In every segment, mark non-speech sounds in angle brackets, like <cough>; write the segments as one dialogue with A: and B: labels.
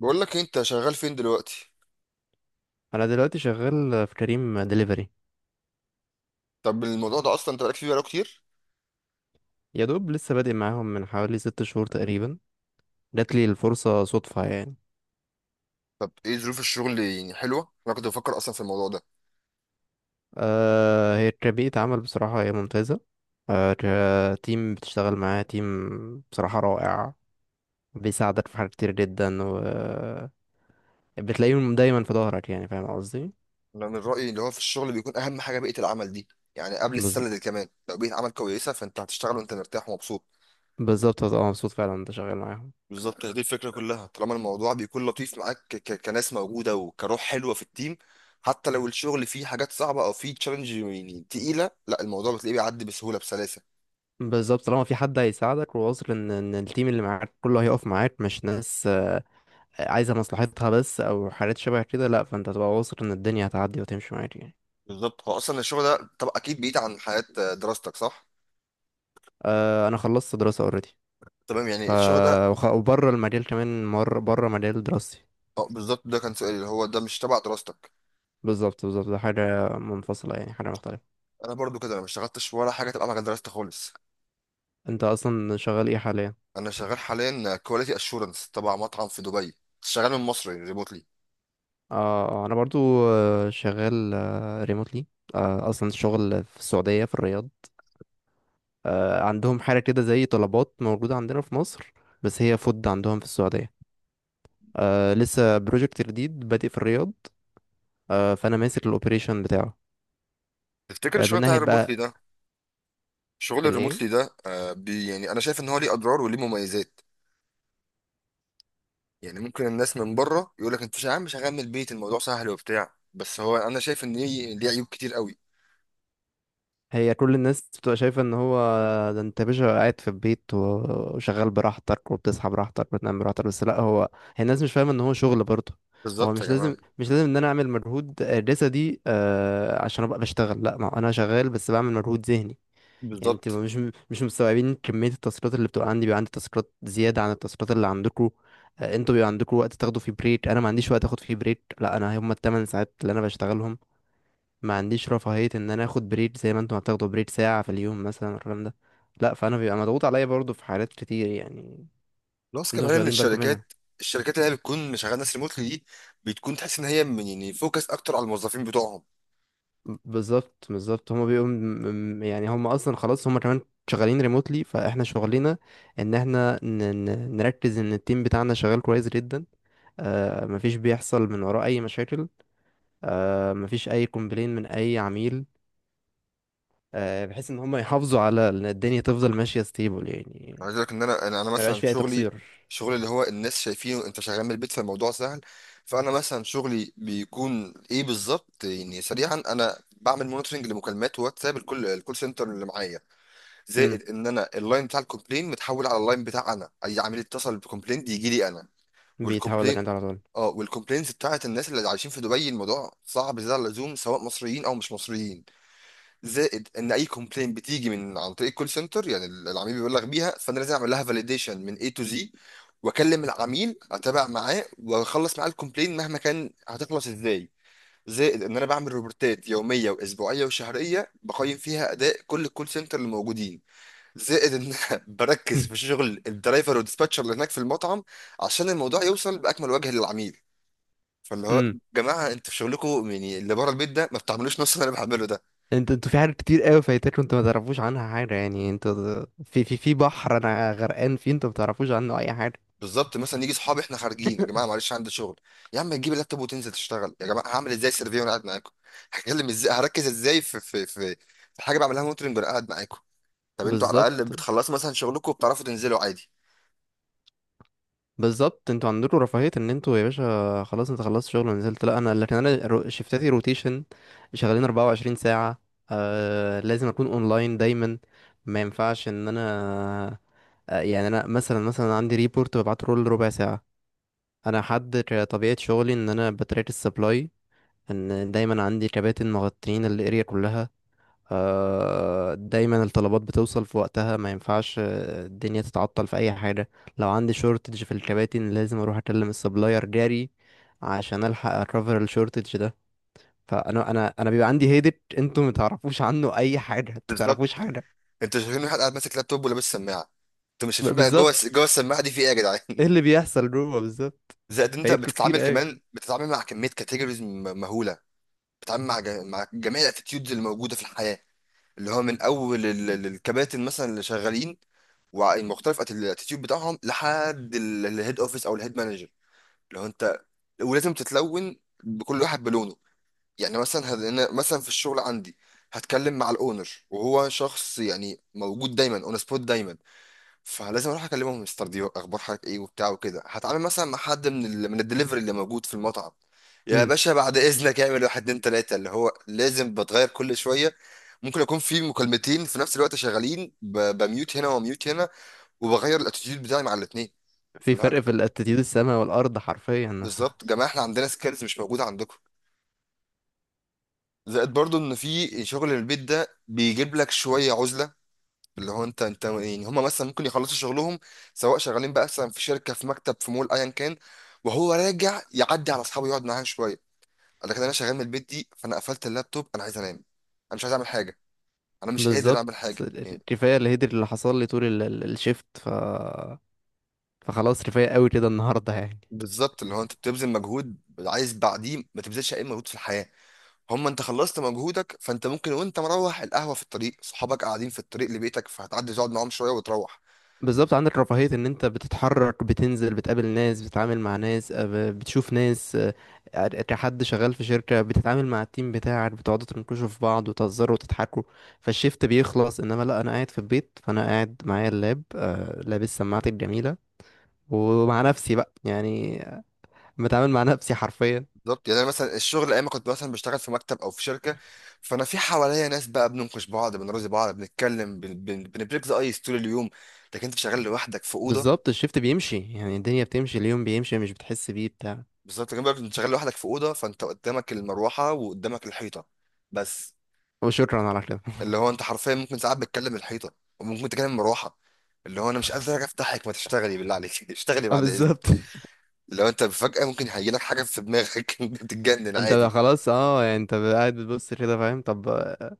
A: بقول لك إيه، انت شغال فين دلوقتي؟
B: انا دلوقتي شغال في كريم دليفري.
A: طب الموضوع ده اصلا انت بقالك فيه بقاله كتير؟
B: يا دوب لسه بادئ معاهم من حوالي 6 شهور تقريبا. جاتلي الفرصة صدفة يعني.
A: طب ايه ظروف الشغل؟ يعني حلوه؟ انا كنت بفكر اصلا في الموضوع ده.
B: آه، هي كبيئة عمل، بصراحة هي ممتازة. آه. كتيم بتشتغل معاه تيم، بصراحة رائع. بيساعدك في حاجات كتير جدا، و بتلاقيهم دايما في ظهرك، يعني فاهم قصدي.
A: انا من رايي اللي هو في الشغل بيكون اهم حاجه بيئه العمل دي. يعني قبل
B: بز...
A: السلة دي كمان، لو بيئه عمل كويسه فانت هتشتغل وانت مرتاح ومبسوط.
B: بالظبط، هتبقى مبسوط فعلا انت شغال معاهم.
A: بالظبط، هي دي الفكره كلها. طالما الموضوع بيكون لطيف معاك كناس موجوده وكروح حلوه في التيم، حتى لو الشغل فيه حاجات صعبه او فيه تشالنج يعني تقيله، لا، الموضوع بتلاقيه بيعدي بسهوله بسلاسه.
B: بالظبط، طالما في حد هيساعدك وواثق ان التيم اللي معاك كله هيقف معاك، مش ناس عايزة مصلحتها بس أو حاجات شبه كده، لأ، فأنت هتبقى واثق إن الدنيا هتعدي وتمشي معاك يعني.
A: بالظبط، هو اصلا الشغل ده طب اكيد بعيد عن حياه دراستك، صح؟
B: أه، أنا خلصت دراسة أوريدي.
A: تمام،
B: ف
A: يعني الشغل ده
B: وبره المجال كمان، مر بره مجال دراستي.
A: اه، بالظبط، ده كان سؤالي اللي هو ده مش تبع دراستك.
B: بالظبط بالظبط، ده حاجة منفصلة، يعني حاجة مختلفة.
A: انا برضو كده، انا ما اشتغلتش ولا حاجه تبع مجال دراستي خالص.
B: أنت أصلا شغال إيه حاليا؟
A: انا شغال حاليا كواليتي اشورنس تبع مطعم في دبي. شغال من مصر ريموتلي.
B: اه، أنا برضو شغال ريموتلي، أصلا شغل في السعودية، في الرياض. عندهم حاجة كده زي طلبات، موجودة عندنا في مصر، بس هي فود عندهم في السعودية. لسه بروجكت جديد بادئ في الرياض. فانا ماسك الاوبريشن بتاعه.
A: تفتكر
B: من
A: الشغل بتاع
B: ناحيه بقى.
A: الريموتلي ده؟ شغل
B: الايه؟
A: الريموتلي ده، بي يعني انا شايف ان هو ليه اضرار وليه مميزات. يعني ممكن الناس من بره يقول لك انت يا عم شغال من البيت، الموضوع سهل وبتاع، بس هو انا شايف ان ليه عيوب كتير قوي.
B: هي كل الناس بتبقى شايفه ان هو، ده انت يا باشا قاعد في البيت وشغال براحتك، وبتصحى براحتك، وبتنام براحتك، بس لا، هو هي الناس مش فاهمه ان هو شغل برضه. هو
A: بالظبط يا
B: مش
A: جماعه.
B: لازم مش لازم ان انا اعمل مجهود جسدي، عشان ابقى بشتغل. لا، ما هو انا شغال، بس بعمل مجهود ذهني. يعني انت
A: بالظبط.
B: مش، مش مستوعبين كمية التاسكات اللي بتبقى عندي. بيبقى عندي تاسكات زيادة عن التاسكات اللي عندكم. انتوا بيبقى عندكم وقت تاخدوا فيه بريك، انا ما عنديش وقت اخد فيه بريك. لا، انا هما ال 8 ساعات اللي انا بشتغلهم، ما عنديش رفاهية ان انا اخد بريك زي ما انتوا هتاخدوا بريك ساعة في اليوم مثلا، الكلام ده لا. فانا بيبقى مضغوط عليا برضه في حالات كتير يعني،
A: بلس
B: انتوا
A: كمان
B: مش
A: ان
B: واخدين بالكم منها.
A: الشركات، اللي هي بتكون شغاله ناس ريموتلي دي بتكون تحس ان هي من، يعني، فوكس اكتر على الموظفين بتوعهم.
B: بالظبط بالظبط، هما بيبقوا يعني هما اصلا خلاص، هما كمان شغالين ريموتلي، فاحنا شغلنا ان احنا نركز ان التيم بتاعنا شغال كويس جدا. مفيش بيحصل من وراه أي مشاكل، مفيش أي كومبلين من أي عميل، بحيث إن هم يحافظوا على إن الدنيا تفضل ماشية ستيبل يعني،
A: أنا عايز اقول لك ان انا انا أنا
B: ما يبقاش
A: مثلا
B: فيها أي
A: شغلي،
B: تقصير.
A: شغل اللي هو الناس شايفينه انت شغال من البيت فالموضوع سهل. فانا مثلا شغلي بيكون ايه بالظبط؟ يعني سريعا انا بعمل مونيتورنج لمكالمات واتساب الكول سنتر اللي معايا.
B: امم.
A: زائد ان انا اللاين بتاع الكومبلين متحول على اللاين بتاع انا، اي عميل اتصل بكومبلين يجي لي انا.
B: بيتحول لك
A: والكومبلين،
B: أنت على طول.
A: اه، والكومبلينز بتاعت الناس اللي عايشين في دبي الموضوع صعب زيادة عن اللزوم، سواء مصريين او مش مصريين. زائد ان اي كومبلين بتيجي من عن طريق الكول سنتر، يعني العميل بيبلغ بيها، فانا لازم اعمل لها فاليديشن من A to Z، واكلم العميل، اتابع معاه واخلص معاه الكومبلين مهما كان هتخلص ازاي. زائد ان انا بعمل روبورتات يوميه واسبوعيه وشهريه، بقيم فيها اداء كل الكول سنتر اللي موجودين. زائد ان <laughs> أنا بركز في
B: <laughs>
A: شغل الدرايفر والديسباتشر اللي هناك في المطعم عشان الموضوع يوصل باكمل وجه للعميل. فاللي هو
B: امم.
A: جماعه، انتوا في شغلكم يعني اللي بره البيت ده ما بتعملوش نفس اللي انا بعمله ده.
B: انتوا في حاجات كتير قوي فايتاك، وانتوا ما تعرفوش عنها حاجة، يعني انتوا في بحر انا غرقان فيه، انتوا ما تعرفوش عنه اي حاجة.
A: بالظبط، مثلا يجي صحابي احنا خارجين، يا جماعه معلش عندي شغل. يا عم تجيب اللابتوب وتنزل تشتغل، يا جماعه هعمل ازاي سيرفي وانا قاعد معاكم <laughs> هتكلم ازاي، هركز ازاي في حاجه بعملها مونترنج وانا قاعد معاكم؟ طب انتوا على الاقل
B: بالظبط
A: بتخلصوا مثلا شغلكم وبتعرفوا تنزلوا عادي.
B: بالظبط، انتوا عندكم رفاهية ان انتوا يا باشا خلاص، انت خلصت شغل ونزلت. لا انا، لكن انا شفتاتي روتيشن، شغالين 24 ساعة. لازم اكون اونلاين دايما، ما ينفعش ان انا، يعني انا مثلا، عندي ريبورت ببعته كل ربع ساعة. انا حد، طبيعة شغلي ان انا بتراك السبلاي، ان دايما عندي كباتن مغطين الاريا كلها. دايما الطلبات بتوصل في وقتها، ما ينفعش الدنيا تتعطل في اي حاجه. لو عندي شورتج في الكباتن، لازم اروح اكلم السبلاير جاري عشان الحق اكفر الشورتج ده. فانا انا بيبقى عندي هيدت انتوا ما تعرفوش عنه اي حاجه، انتوا
A: بالظبط.
B: تعرفوش حاجه.
A: انتوا شايفين واحد قاعد ماسك لابتوب ولابس سماعه، انتوا مش شايفين بقى
B: بالظبط،
A: جوه السماعه دي في ايه يا جدعان؟
B: ايه اللي بيحصل جوه بالظبط؟
A: زائد انت
B: فايتكم كتير
A: بتتعامل،
B: قوي.
A: كمان بتتعامل مع كميه كاتيجوريز مهوله. بتتعامل مع جميع الاتيتيودز اللي موجوده في الحياه، اللي هو من اول الكباتن مثلا اللي شغالين، ومختلف الاتيتيود بتاعهم لحد الهيد اوفيس او الهيد مانجر اللي هو انت. ولازم تتلون بكل واحد بلونه. يعني مثلا أنا مثلا في الشغل عندي، هتكلم مع الاونر وهو شخص يعني موجود دايما اون سبوت دايما. فلازم اروح اكلمهم مستر، دي اخبار حضرتك ايه وبتاع وكده. هتعامل مثلا مع حد من الدليفري اللي موجود في المطعم، يا
B: امم.
A: باشا بعد اذنك اعمل واحد اتنين تلاته، اللي هو لازم بتغير كل شويه. ممكن يكون في مكالمتين في نفس الوقت شغالين بميوت هنا وميوت هنا، وبغير الاتيتيود بتاعي مع الاثنين.
B: في فرق في الاتيتيود السما والارض حرفيا.
A: بالظبط. جماعه احنا عندنا سكيلز مش موجوده عندكم. زائد برضو ان في شغل البيت ده بيجيب لك شويه عزله. اللي هو انت يعني هم مثلا ممكن يخلصوا شغلهم، سواء شغالين بقى مثلا في شركه في مكتب في مول ايا كان، وهو راجع يعدي على اصحابه يقعد معاهم شويه. لكن انا شغال من البيت دي، فانا قفلت اللابتوب، انا عايز انام، انا مش عايز اعمل حاجه. انا
B: <laughs>
A: مش قادر
B: بالظبط.
A: اعمل حاجه يعني.
B: كفايه الهيدر اللي حصل لي طول الشيفت. فخلاص، رفاهية قوي كده النهاردة يعني.
A: بالظبط. اللي هو انت بتبذل مجهود عايز بعديه ما تبذلش اي مجهود في الحياه. هم انت خلصت مجهودك، فانت ممكن وانت مروح القهوه في الطريق صحابك قاعدين في الطريق لبيتك، فهتعدي تقعد معاهم شويه وتروح.
B: بالظبط، عندك رفاهية ان انت بتتحرك، بتنزل، بتقابل ناس، بتتعامل مع ناس، بتشوف ناس، كحد شغال في شركة بتتعامل مع التيم بتاعك، بتقعدوا تنكشوا في بعض وتهزروا وتضحكوا، فالشيفت بيخلص. انما لا، انا قاعد في البيت، فانا قاعد معايا اللاب، لابس سماعتي الجميلة، ومع نفسي بقى يعني بتعامل مع نفسي حرفيا.
A: بالظبط. يعني انا مثلا الشغل ايام ما كنت مثلا بشتغل في مكتب او في شركه، فانا في حواليا ناس بقى بننقش بعض بنرازي بعض بنتكلم بنبريك ذا ايس طول اليوم. لكن انت شغال لوحدك في اوضه.
B: بالظبط، الشيفت بيمشي، يعني الدنيا بتمشي، اليوم بيمشي مش بتحس بيه بتاع.
A: بالظبط. كمان بقى انت شغال لوحدك في اوضه، فانت قدامك المروحه وقدامك الحيطه بس.
B: وشكرا على كده.
A: اللي هو انت حرفيا ممكن ساعات بتكلم الحيطه، وممكن تكلم المروحه. اللي هو، انا مش قادر افتحك، ما تشتغلي بالله عليك <laughs> اشتغلي
B: <laughs> اه،
A: بعد اذنك.
B: بالظبط.
A: لو انت فجاه ممكن هيجيلك حاجه في دماغك <laughs> تتجنن
B: انت بقى
A: عادي.
B: خلاص، اه يعني انت بقى قاعد بتبص كده، فاهم؟ طب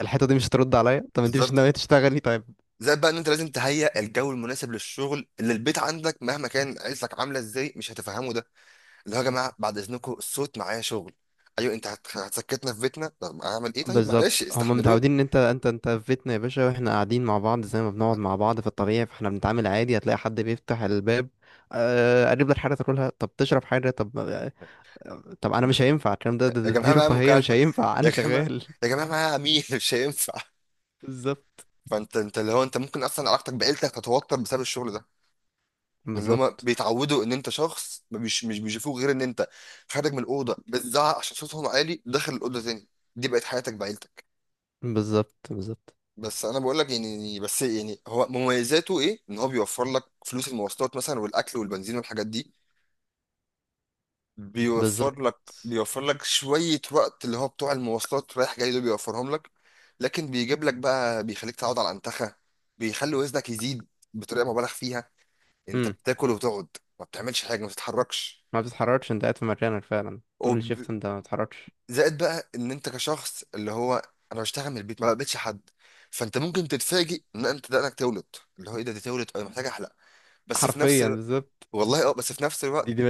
B: الحته دي مش هترد عليا، طب انت مش
A: بالظبط.
B: ناويه تشتغلي؟ طيب،
A: زائد بقى ان انت لازم تهيئ الجو المناسب للشغل اللي البيت عندك، مهما كان عيلتك عامله ازاي مش هتفهموا ده. اللي هو يا جماعه بعد اذنكم الصوت، معايا شغل. ايوه، انت هتسكتنا في بيتنا؟ طب اعمل ايه؟ طيب معلش
B: بالظبط، هما
A: استحملوني.
B: متعودين ان انت في بيتنا يا باشا، واحنا قاعدين مع بعض زي ما بنقعد مع بعض في الطبيعي، فاحنا بنتعامل عادي. هتلاقي حد بيفتح الباب، قرب لك حاجه تاكلها؟ طب تشرب حاجه؟ طب طب انا مش هينفع. الكلام
A: يا
B: ده، دي
A: جماعه معايا
B: رفاهيه، مش
A: مكالمه،
B: هينفع
A: يا
B: انا
A: جماعه،
B: شغال. <laughs>
A: يا جماعه معايا عميل <laughs> مش هينفع.
B: بالظبط
A: فانت اللي هو انت ممكن اصلا علاقتك بعيلتك تتوتر بسبب الشغل ده، اللي هما
B: بالظبط
A: بيتعودوا ان انت شخص مش بيشوفوك غير ان انت خارج من الاوضه بتزعق عشان صوتهم عالي، داخل الاوضه تاني. دي بقت حياتك بعيلتك.
B: بالظبط بالظبط
A: بس انا بقول لك، يعني بس يعني هو مميزاته ايه؟ ان هو بيوفر لك فلوس المواصلات مثلا والاكل والبنزين والحاجات دي.
B: بالظبط.
A: بيوفر لك شويه وقت اللي هو بتوع المواصلات رايح جاي دول بيوفرهم لك. لكن بيجيب لك بقى، بيخليك تقعد على الانتخه، بيخلي وزنك يزيد بطريقه مبالغ فيها. انت
B: امم.
A: بتاكل وتقعد، ما بتعملش حاجه، ما بتتحركش.
B: ما بتتحركش، انت قاعد في مكانك فعلا طول
A: وب...
B: الشيفت، انت ما بتتحركش.
A: زائد بقى ان انت كشخص اللي هو، انا بشتغل من البيت ما بقابلش حد، فانت ممكن تتفاجئ ان انت دقنك تولد. اللي هو، ايه ده؟ دي تولد، انا محتاج احلق. بس في نفس
B: حرفيا
A: الوقت،
B: بالظبط.
A: والله اه، بس في نفس
B: دي
A: الوقت،
B: دي,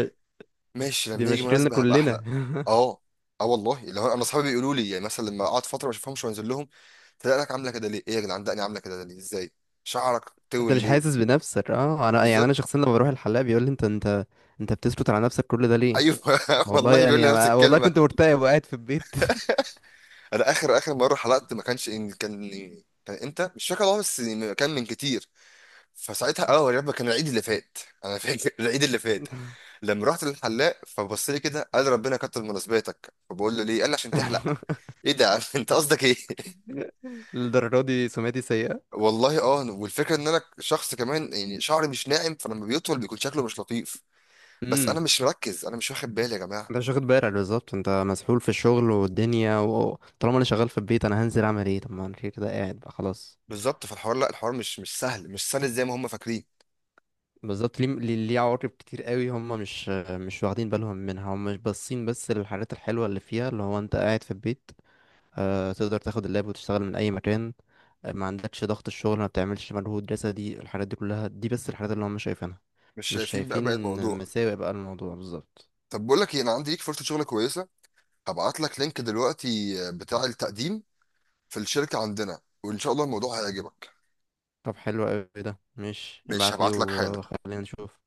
A: ماشي
B: دي
A: لما يجي
B: مشاكلنا
A: مناسبة هبقى
B: كلنا.
A: احلى.
B: <laughs>
A: اه. اه والله، اللي هو انا اصحابي بيقولوا لي يعني مثلا لما اقعد فترة ما اشوفهمش وانزل لهم، تلاقيك عاملة كده ليه؟ ايه يا جدعان دقني عاملة كده ليه؟ ازاي؟ شعرك
B: انت
A: طول
B: مش
A: ليه؟
B: حاسس بنفسك. اه، انا يعني انا
A: بالظبط.
B: شخصيا لما بروح الحلاق بيقول لي انت بتثبت على نفسك كل ده ليه؟
A: ايوه. <laughs>
B: والله
A: والله بيقول
B: يعني
A: لي نفس
B: والله
A: الكلمة.
B: كنت مرتاح وقاعد في البيت.
A: انا اخر اخر مرة حلقت ما كانش إن كان، كان امتى؟ مش فاكر والله، بس كان من كتير. فساعتها، يا رب كان العيد اللي فات. انا فاكر <laughs> العيد اللي فات
B: <laughs>
A: لما رحت للحلاق فبص لي كده قال ربنا كتر مناسباتك، فبقول له ليه؟ قال لي عشان تحلق. ايه ده يا عم؟ <laughs> انت قصدك ايه؟
B: للدرجه دي سمعتي سيئه.
A: والله اه، والفكره ان انا شخص كمان يعني شعري مش ناعم، فلما بيطول بيكون شكله مش لطيف. بس
B: امم.
A: انا مش مركز، انا مش واخد بالي يا جماعه.
B: انت مش واخد بالك، بالظبط، انت مسحول في الشغل والدنيا، وطالما انا شغال في البيت، انا هنزل اعمل ايه؟ طب ما انا كده كده قاعد بقى، خلاص.
A: بالظبط. فالحوار، لا، الحوار مش سهل، مش سهل زي ما هم فاكرين.
B: بالظبط، ليه ليه ليه؟ عواقب كتير قوي هم مش واخدين بالهم منها، هم مش باصين بس للحاجات الحلوه اللي فيها، اللي هو انت قاعد في البيت، تقدر تاخد اللاب وتشتغل من اي مكان، ما عندكش ضغط الشغل، ما بتعملش مجهود جسدي، الحاجات دي كلها، دي بس الحاجات اللي هم مش شايفينها.
A: مش
B: مش
A: شايفين بقى
B: شايفين
A: بقى الموضوع.
B: مساوئ بقى الموضوع بالظبط.
A: طب بقول لك ايه، انا عندي ليك فرصه شغل كويسه، هبعت لك لينك دلوقتي بتاع التقديم في الشركه عندنا، وان شاء الله الموضوع هيعجبك.
B: طب حلو قوي ده، مش
A: ماشي
B: ابعت لي
A: هبعت لك حالا.
B: وخلينا نشوف.